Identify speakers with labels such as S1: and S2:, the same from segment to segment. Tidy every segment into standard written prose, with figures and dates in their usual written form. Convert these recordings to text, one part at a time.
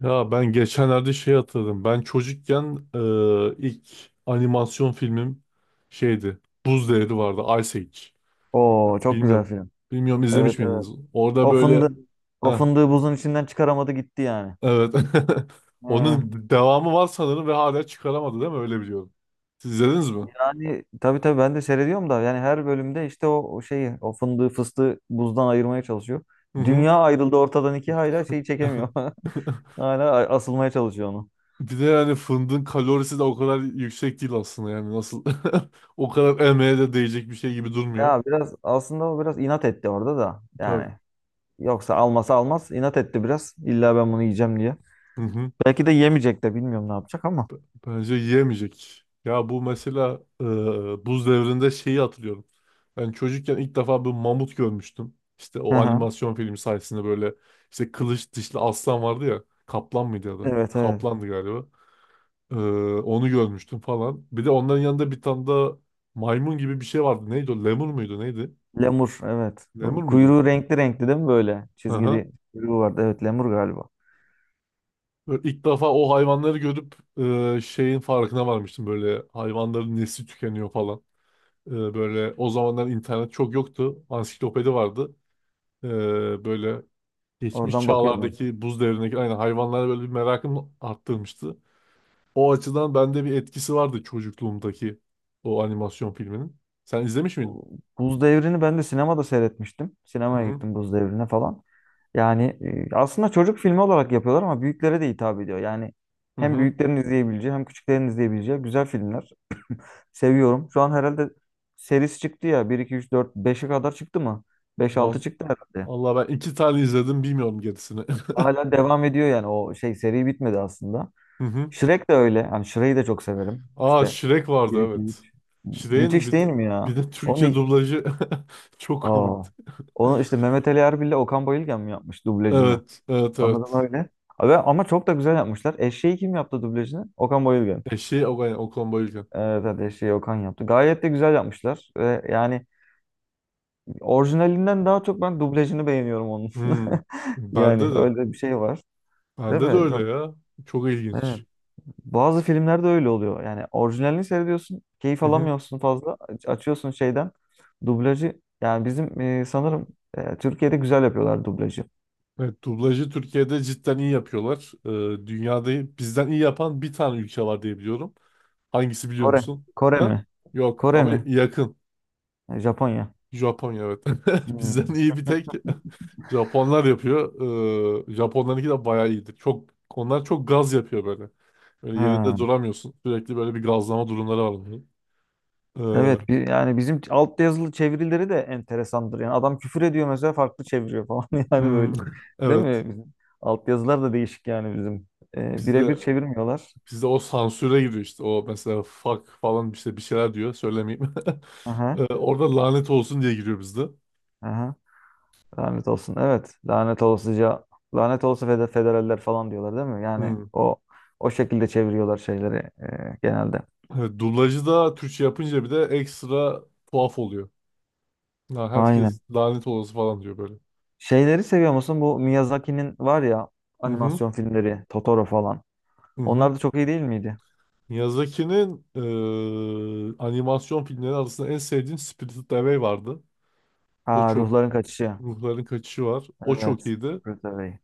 S1: Ya ben geçenlerde şey hatırladım. Ben çocukken ilk animasyon filmim şeydi. Buz Devri vardı. Ice Age.
S2: Oo
S1: Yok,
S2: çok güzel
S1: bilmiyorum.
S2: film.
S1: Bilmiyorum,
S2: Evet
S1: izlemiş miydiniz?
S2: evet.
S1: Orada
S2: O
S1: böyle.
S2: fındığı, o
S1: Heh,
S2: fındığı buzun içinden çıkaramadı gitti yani.
S1: evet.
S2: Ee,
S1: Onun devamı var sanırım ve hala çıkaramadı değil mi? Öyle biliyorum. Siz izlediniz mi?
S2: yani tabii tabii ben de seyrediyorum da yani her bölümde işte o şeyi o fındığı fıstığı buzdan ayırmaya çalışıyor.
S1: Hı hı.
S2: Dünya ayrıldı ortadan iki hala şeyi çekemiyor. Hala asılmaya çalışıyor onu.
S1: Bir de yani fındığın kalorisi de o kadar yüksek değil aslında, yani nasıl o kadar emeğe de değecek bir şey gibi durmuyor.
S2: Ya biraz aslında o biraz inat etti orada da
S1: Tabii.
S2: yani. Yoksa almasa almaz inat etti biraz. İlla ben bunu yiyeceğim diye.
S1: Hı hı.
S2: Belki de yemeyecek de bilmiyorum ne yapacak ama.
S1: B- Bence yiyemeyecek. Ya bu mesela buz devrinde şeyi hatırlıyorum. Ben çocukken ilk defa bir mamut görmüştüm. İşte
S2: Hı
S1: o
S2: hı.
S1: animasyon filmi sayesinde böyle, işte kılıç dişli aslan vardı ya. Kaplan mıydı ya da?
S2: Evet evet.
S1: Kaplandı galiba. E, onu görmüştüm falan. Bir de onların yanında bir tane da maymun gibi bir şey vardı. Neydi o? Lemur muydu? Neydi?
S2: Lemur evet.
S1: Lemur muydu?
S2: Kuyruğu renkli renkli değil mi böyle?
S1: Hı hı.
S2: Çizgili kuyruğu vardı. Evet lemur galiba.
S1: Böyle ilk defa o hayvanları görüp şeyin farkına varmıştım. Böyle hayvanların nesli tükeniyor falan. Böyle o zamanlar internet çok yoktu. Ansiklopedi vardı. Ee, Böyle geçmiş
S2: Oradan bakıyordum.
S1: çağlardaki buz devrindeki aynı hayvanlara böyle bir merakım arttırmıştı. O açıdan bende bir etkisi vardı çocukluğumdaki o animasyon filminin. Sen izlemiş miydin?
S2: Buz Devri'ni ben de sinemada seyretmiştim.
S1: Hı
S2: Sinemaya
S1: hı.
S2: gittim Buz Devri'ne falan. Yani aslında çocuk filmi olarak yapıyorlar ama büyüklere de hitap ediyor. Yani
S1: Hı
S2: hem
S1: hı.
S2: büyüklerin izleyebileceği hem küçüklerin izleyebileceği güzel filmler. Seviyorum. Şu an herhalde serisi çıktı ya. Bir 2 3 4 5'e kadar çıktı mı? 5 6
S1: Val-
S2: çıktı herhalde.
S1: Vallahi ben iki tane izledim, bilmiyorum gerisini.
S2: Hala devam ediyor yani o şey seri bitmedi aslında.
S1: Hı hı.
S2: Shrek de öyle. Yani Shrek'i de çok severim.
S1: Aa,
S2: İşte
S1: Shrek
S2: bir
S1: vardı
S2: iki
S1: evet.
S2: üç,
S1: Shrek'in
S2: Müthiş değil mi ya?
S1: bir de
S2: Onu,
S1: Türkçe dublajı çok
S2: aa.
S1: komikti.
S2: Onu işte Mehmet Ali Erbil'le Okan Bayülgen mi yapmış dublajını?
S1: Evet, evet,
S2: Sanırım
S1: evet.
S2: öyle. Abi, ama çok da güzel yapmışlar. Eşeği kim yaptı dublajını? Okan Bayülgen.
S1: Eşi o, yani, Okan Bayülgen.
S2: Evet, evet eşeği Okan yaptı. Gayet de güzel yapmışlar. Ve yani orijinalinden daha çok ben dublajını beğeniyorum onun.
S1: Hmm. Bende
S2: Yani
S1: de.
S2: öyle bir şey var. Değil
S1: Bende de
S2: mi? Çok
S1: öyle ya. Çok
S2: evet.
S1: ilginç.
S2: Bazı filmlerde öyle oluyor. Yani orijinalini seyrediyorsun, keyif
S1: Hı hı.
S2: alamıyorsun fazla. Açıyorsun şeyden. Dublajı yani bizim sanırım Türkiye'de güzel yapıyorlar dublajı.
S1: Evet, dublajı Türkiye'de cidden iyi yapıyorlar. Dünyada bizden iyi yapan bir tane ülke var diye biliyorum. Hangisi biliyor
S2: Kore.
S1: musun?
S2: Kore mi?
S1: Ha? Yok
S2: Kore
S1: ama
S2: mi?
S1: yakın.
S2: E, Japonya.
S1: Japonya evet. Bizden
S2: Hmm.
S1: iyi bir tek Japonlar yapıyor. Japonlarınki de bayağı iyidir. Çok, onlar çok gaz yapıyor böyle. Böyle yerinde
S2: Ha.
S1: duramıyorsun. Sürekli böyle bir gazlama durumları var onların. Ee,
S2: Evet bir, yani bizim alt yazılı çevirileri de enteresandır. Yani adam küfür ediyor mesela farklı çeviriyor falan yani
S1: hmm,
S2: böyle. Değil
S1: evet.
S2: mi? Bizim alt yazılar da değişik yani bizim. E, birebir
S1: Bizde
S2: çevirmiyorlar.
S1: Bizde o sansüre giriyor işte. O mesela fuck falan işte bir şeyler diyor. Söylemeyeyim.
S2: Aha,
S1: Orada lanet olsun diye giriyor bizde.
S2: aha. Lanet olsun. Evet. Lanet olasıca lanet olası federaller falan diyorlar değil mi? Yani
S1: Hmm.
S2: o o şekilde çeviriyorlar şeyleri genelde.
S1: Evet, dublajı da Türkçe yapınca bir de ekstra tuhaf oluyor. Ha, herkes
S2: Aynen.
S1: lanet olası falan diyor böyle.
S2: Şeyleri seviyor musun? Bu Miyazaki'nin var ya
S1: Hı hı.
S2: animasyon filmleri, Totoro falan.
S1: Hı hı.
S2: Onlar da çok iyi değil miydi?
S1: Miyazaki'nin animasyon filmleri arasında en sevdiğim Spirited Away vardı. O
S2: Aa,
S1: çok.
S2: Ruhların Kaçışı.
S1: Ruhların Kaçışı var. O çok
S2: Evet.
S1: iyiydi.
S2: Secretary.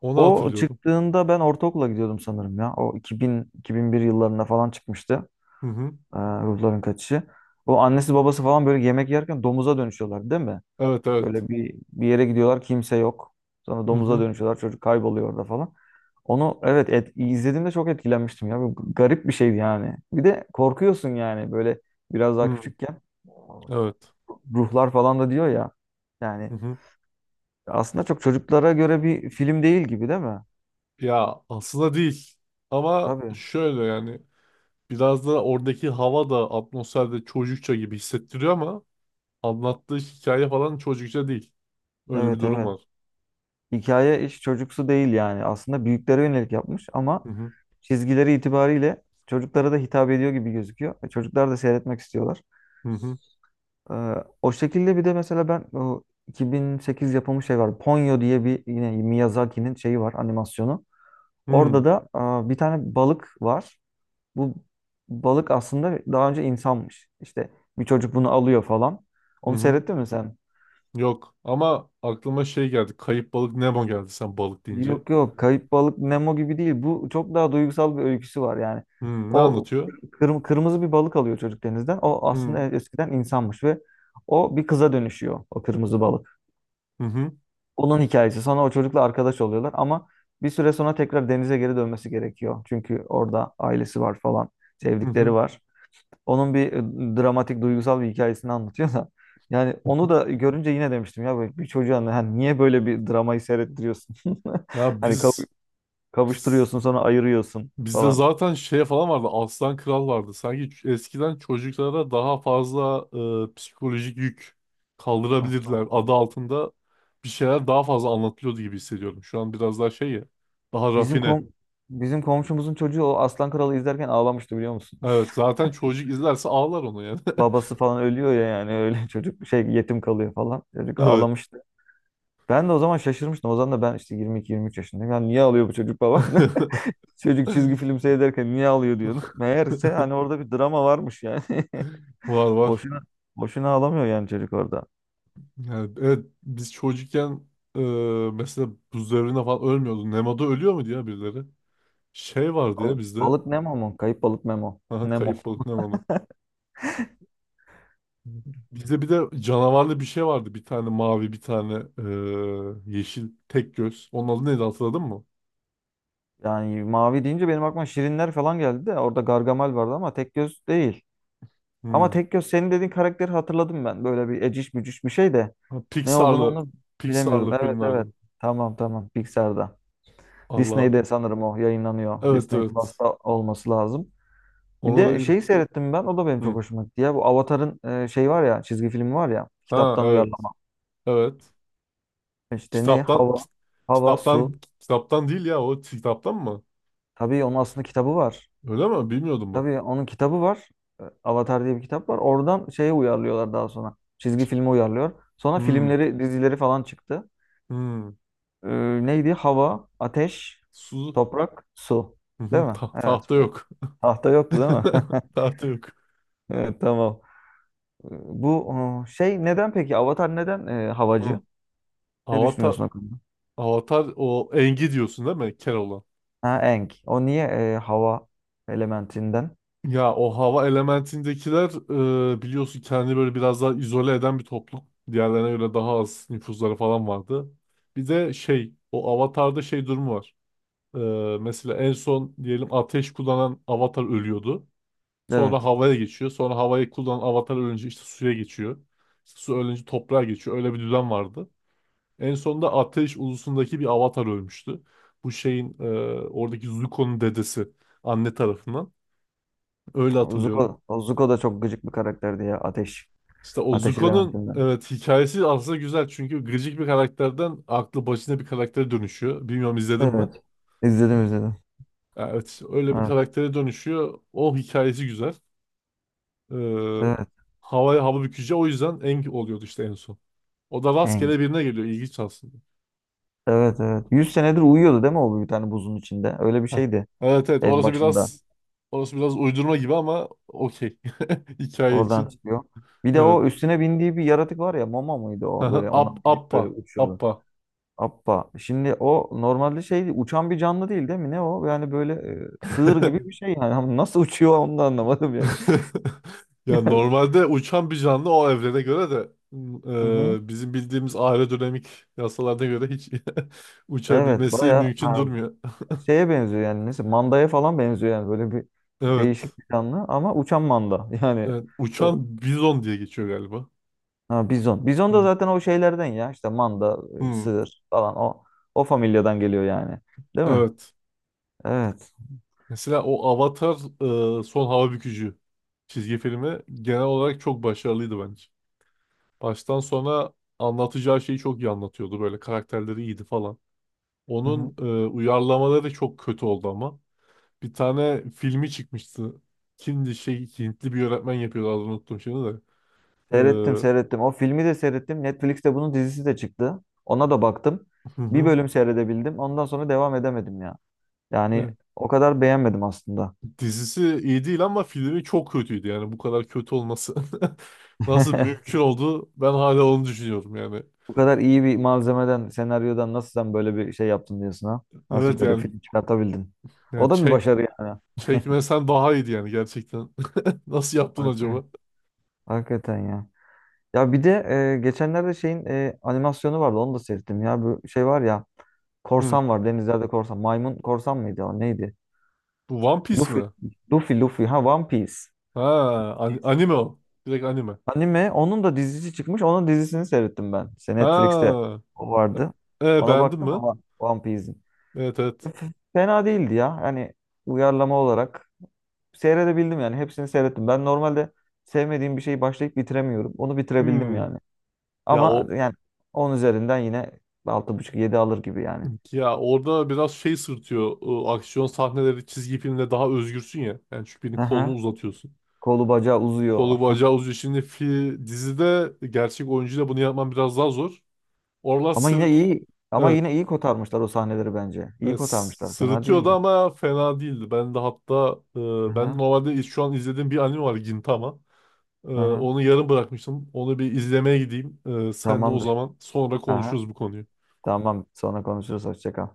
S1: Onu
S2: O
S1: hatırlıyorum.
S2: çıktığında ben ortaokula gidiyordum sanırım ya. O 2000-2001 yıllarında falan çıkmıştı.
S1: Hı hı.
S2: Ruhların Kaçışı. O annesi babası falan böyle yemek yerken domuza dönüşüyorlar değil mi?
S1: Evet evet.
S2: Böyle bir yere gidiyorlar kimse yok. Sonra
S1: Hı
S2: domuza
S1: hı.
S2: dönüşüyorlar çocuk kayboluyor orada falan. Onu evet izlediğimde çok etkilenmiştim ya. Bu garip bir şeydi yani. Bir de korkuyorsun yani böyle biraz daha
S1: Hı.
S2: küçükken.
S1: Evet.
S2: Ruhlar falan da diyor ya.
S1: Hı
S2: Yani
S1: hı.
S2: aslında çok çocuklara göre bir film değil gibi değil mi?
S1: Ya aslında değil. Ama
S2: Tabii.
S1: şöyle yani, biraz da oradaki hava da atmosferde çocukça gibi hissettiriyor ama anlattığı hikaye falan çocukça değil. Öyle bir
S2: Evet
S1: durum
S2: evet.
S1: var.
S2: Hikaye hiç çocuksu değil yani. Aslında büyüklere yönelik yapmış
S1: Hı
S2: ama
S1: hı
S2: çizgileri itibariyle çocuklara da hitap ediyor gibi gözüküyor. E, çocuklar da seyretmek istiyorlar.
S1: hı hı
S2: Ee, o şekilde bir de mesela ben o 2008 yapımı şey var. Ponyo diye bir yine Miyazaki'nin şeyi var animasyonu.
S1: hı
S2: Orada da aa, bir tane balık var. Bu balık aslında daha önce insanmış. İşte bir çocuk bunu alıyor falan.
S1: hı.
S2: Onu
S1: Hı.
S2: seyrettin mi sen?
S1: Yok ama aklıma şey geldi. Kayıp balık Nemo geldi sen balık deyince.
S2: Yok yok Kayıp Balık Nemo gibi değil. Bu çok daha duygusal bir öyküsü var yani.
S1: Hı, ne
S2: O
S1: anlatıyor?
S2: kırmızı bir balık alıyor çocuk denizden. O aslında
S1: Hı
S2: eskiden insanmış ve o bir kıza dönüşüyor o kırmızı balık.
S1: hı hı
S2: Onun hikayesi. Sonra o çocukla arkadaş oluyorlar ama bir süre sonra tekrar denize geri dönmesi gerekiyor. Çünkü orada ailesi var falan,
S1: hı.
S2: sevdikleri
S1: Hı.
S2: var. Onun bir dramatik, duygusal bir hikayesini anlatıyor da. Yani onu da görünce yine demiştim ya böyle bir çocuğa hani niye böyle bir dramayı seyrettiriyorsun?
S1: Ya
S2: Hani
S1: biz
S2: kavuşturuyorsun sonra ayırıyorsun
S1: Bizde
S2: falan.
S1: zaten şey falan vardı. Aslan Kral vardı. Sanki eskiden çocuklara daha fazla psikolojik yük
S2: Aslan
S1: kaldırabilirler adı
S2: Kralı.
S1: altında bir şeyler daha fazla anlatılıyordu gibi hissediyorum. Şu an biraz daha şey ya. Daha
S2: Bizim
S1: rafine.
S2: kom bizim komşumuzun çocuğu o Aslan Kralı izlerken ağlamıştı biliyor musun?
S1: Evet. Zaten çocuk izlerse ağlar onu yani.
S2: babası falan ölüyor ya yani öyle çocuk şey yetim kalıyor falan. Çocuk
S1: Evet.
S2: ağlamıştı. Ben de o zaman şaşırmıştım. O zaman da ben işte 22-23 yaşındayım. Yani niye ağlıyor bu çocuk babam? Çocuk çizgi film seyrederken niye ağlıyor diyordum. Meğerse hani orada bir drama varmış yani.
S1: Var var.
S2: Boşuna boşuna ağlamıyor yani çocuk orada.
S1: Yani evet biz çocukken, e, mesela buz devrinde falan ölmüyordu. Nemo'da ölüyor muydu ya birileri? Şey vardı ya
S2: Balık,
S1: bizde.
S2: balık Nemo mu? Kayıp balık Nemo.
S1: Aha,
S2: Nemo.
S1: kayıp balık Nemo'da. Bize bir de canavarlı bir şey vardı. Bir tane mavi, bir tane yeşil, tek göz. Onun adı neydi, hatırladın mı?
S2: Yani mavi deyince benim aklıma şirinler falan geldi de orada Gargamel vardı ama tek göz değil. Ama
S1: Hmm.
S2: tek göz senin dediğin karakteri hatırladım ben. Böyle bir eciş bücüş bir şey de.
S1: Ha,
S2: Ne olduğunu onu bilemiyorum.
S1: Pixar'lı
S2: Evet evet.
S1: filmlerden.
S2: Tamam tamam. Pixar'da.
S1: Allah.
S2: Disney'de sanırım o yayınlanıyor.
S1: Evet,
S2: Disney
S1: evet.
S2: Plus'ta olması lazım. Bir
S1: Ona
S2: de
S1: da...
S2: şeyi seyrettim ben. O da benim
S1: Hmm.
S2: çok hoşuma gitti ya. Bu Avatar'ın şey var ya. Çizgi filmi var ya.
S1: Ha,
S2: Kitaptan
S1: evet,
S2: uyarlama.
S1: evet.
S2: İşte ne?
S1: Kitaptan,
S2: Hava. Hava, su.
S1: kitaptan değil ya, o kitaptan mı?
S2: Tabii onun aslında kitabı var.
S1: Öyle mi? Bilmiyordum bak.
S2: Tabii onun kitabı var. E, Avatar diye bir kitap var. Oradan şeye uyarlıyorlar daha sonra. Çizgi filmi uyarlıyor. Sonra
S1: Hmm.
S2: filmleri, dizileri falan çıktı.
S1: Hmm.
S2: Ee, neydi? Hava, ateş,
S1: Su...
S2: toprak, su.
S1: Hı
S2: Değil
S1: hı,
S2: mi? Evet.
S1: tahta
S2: Bu.
S1: yok.
S2: Tahta yoktu değil mi?
S1: Tahta yok.
S2: Evet tamam. Bu o, şey neden peki? Avatar neden
S1: Hı.
S2: havacı? Ne
S1: Avatar...
S2: düşünüyorsun o konuda?
S1: Avatar o Engi diyorsun değil mi? Keloğlan.
S2: Ha Aang. O niye hava elementinden?
S1: Ya o hava elementindekiler, biliyorsun, kendini böyle biraz daha izole eden bir toplum. Diğerlerine göre daha az nüfuzları falan vardı. Bir de şey, o avatarda şey durumu var. E, mesela en son diyelim ateş kullanan avatar ölüyordu. Sonra
S2: Evet.
S1: havaya geçiyor. Sonra havayı kullanan avatar ölünce işte suya geçiyor. İşte su ölünce toprağa geçiyor. Öyle bir düzen vardı. En sonunda ateş ulusundaki bir avatar ölmüştü. Bu şeyin, oradaki Zuko'nun dedesi anne tarafından. Öyle hatırlıyorum.
S2: Zuko, o Zuko da çok gıcık bir karakterdi ya. Ateş.
S1: İşte o
S2: Ateş
S1: Zuko'nun
S2: elementinden.
S1: evet hikayesi aslında güzel, çünkü gıcık bir karakterden aklı başına bir karaktere dönüşüyor. Bilmiyorum, izledin mi?
S2: Evet. İzledim izledim.
S1: Evet, işte öyle bir
S2: Evet.
S1: karaktere dönüşüyor. O hikayesi güzel. Ee,
S2: Evet.
S1: havaya hava bükücü o yüzden Eng oluyordu işte en son. O da
S2: Aang.
S1: rastgele birine geliyor. İlginç aslında.
S2: Evet evet. 100 senedir uyuyordu değil mi o bir tane buzun içinde? Öyle bir
S1: Heh.
S2: şeydi
S1: Evet evet,
S2: en başında.
S1: orası biraz uydurma gibi ama okey. Hikaye
S2: Oradan
S1: için.
S2: çıkıyor. Bir de
S1: Evet.
S2: o üstüne bindiği bir yaratık var ya mama mıydı o böyle ona binip
S1: Appa.
S2: böyle uçuyordu.
S1: Appa.
S2: Appa. Şimdi o normalde şey uçan bir canlı değil değil mi? Ne o? Yani böyle sığır gibi bir şey yani. Ama nasıl uçuyor onu da anlamadım yani.
S1: Ya normalde uçan bir canlı o evrene göre de,
S2: Hı hı.
S1: bizim bildiğimiz aerodinamik yasalarına göre hiç
S2: Evet
S1: uçabilmesi
S2: baya
S1: mümkün
S2: ha,
S1: durmuyor.
S2: şeye benziyor yani. Neyse mandaya falan benziyor yani. Böyle bir
S1: Evet.
S2: değişik bir canlı ama uçan manda. Yani
S1: Evet.
S2: ö-
S1: Uçan bizon diye geçiyor galiba.
S2: ha, bizon. Bizon da
S1: Hı.
S2: zaten o şeylerden ya. İşte manda,
S1: Hı.
S2: sığır falan o familyadan geliyor yani. Değil mi?
S1: Evet.
S2: Evet.
S1: Mesela o Avatar, Son Hava Bükücü çizgi filmi genel olarak çok başarılıydı bence. Baştan sona anlatacağı şeyi çok iyi anlatıyordu. Böyle karakterleri iyiydi falan.
S2: Hı hı.
S1: Onun uyarlamaları çok kötü oldu ama. Bir tane filmi çıkmıştı. Kimdi şey, Hintli bir yönetmen yapıyordu, adını unuttum şimdi de. Ee,
S2: Seyrettim
S1: hı
S2: seyrettim. O filmi de seyrettim. Netflix'te bunun dizisi de çıktı. Ona da baktım. Bir
S1: hı.
S2: bölüm seyredebildim. Ondan sonra devam edemedim ya.
S1: Evet.
S2: Yani o kadar beğenmedim aslında.
S1: Dizisi iyi değil ama filmi çok kötüydü, yani bu kadar kötü olması. Nasıl mümkün oldu? Ben hala onu düşünüyorum yani.
S2: Bu kadar iyi bir malzemeden, senaryodan nasıl sen böyle bir şey yaptın diyorsun ha? Nasıl
S1: Evet
S2: böyle
S1: yani,
S2: film çıkartabildin? O
S1: yani
S2: da bir
S1: çek
S2: başarı yani.
S1: çekmesen daha iyiydi yani gerçekten. Nasıl yaptın
S2: Hakikaten,
S1: acaba?
S2: hakikaten ya. Ya bir de geçenlerde şeyin animasyonu vardı. Onu da seyrettim ya. Bu şey var ya.
S1: Hı.
S2: Korsan var. Denizlerde korsan. Maymun korsan mıydı o? Neydi?
S1: Bu One Piece
S2: Luffy,
S1: mi?
S2: Luffy, Luffy. Ha One Piece.
S1: Ha, anime o. Direkt anime.
S2: Anime. Onun da dizisi çıkmış. Onun dizisini seyrettim ben. İşte Netflix'te
S1: Ha.
S2: o vardı.
S1: E, e,
S2: Ona
S1: beğendin
S2: baktım
S1: mi?
S2: ama One Piece'in.
S1: Evet evet.
S2: Fena değildi ya. Yani uyarlama olarak seyredebildim yani. Hepsini seyrettim. Ben normalde sevmediğim bir şeyi başlayıp bitiremiyorum. Onu bitirebildim
S1: Hmm.
S2: yani.
S1: Ya
S2: Ama
S1: o
S2: yani 10 üzerinden yine altı buçuk yedi alır gibi yani.
S1: Ya orada biraz şey sırtıyor. O aksiyon sahneleri çizgi filmde daha özgürsün ya. Yani çünkü birinin
S2: Hı
S1: kolunu
S2: hı.
S1: uzatıyorsun.
S2: Kolu bacağı uzuyor.
S1: Kolu bacağı uzuyor. Şimdi dizide gerçek oyuncuyla bunu yapman biraz daha zor. Oralar
S2: Ama yine
S1: sırıt.
S2: iyi. Ama
S1: Evet.
S2: yine iyi kotarmışlar o sahneleri bence. İyi
S1: Evet,
S2: kotarmışlar. Fena
S1: sırıtıyordu
S2: değildi.
S1: ama fena değildi. Ben de hatta
S2: Hı
S1: ben
S2: hı.
S1: normalde şu an izlediğim bir anime var, Gintama. E,
S2: Aha,
S1: onu yarım bırakmıştım. Onu bir izlemeye gideyim. Sen de o
S2: tamamdır.
S1: zaman sonra
S2: Aha,
S1: konuşuruz bu konuyu.
S2: tamam. Sonra konuşuruz. Hoşça kal.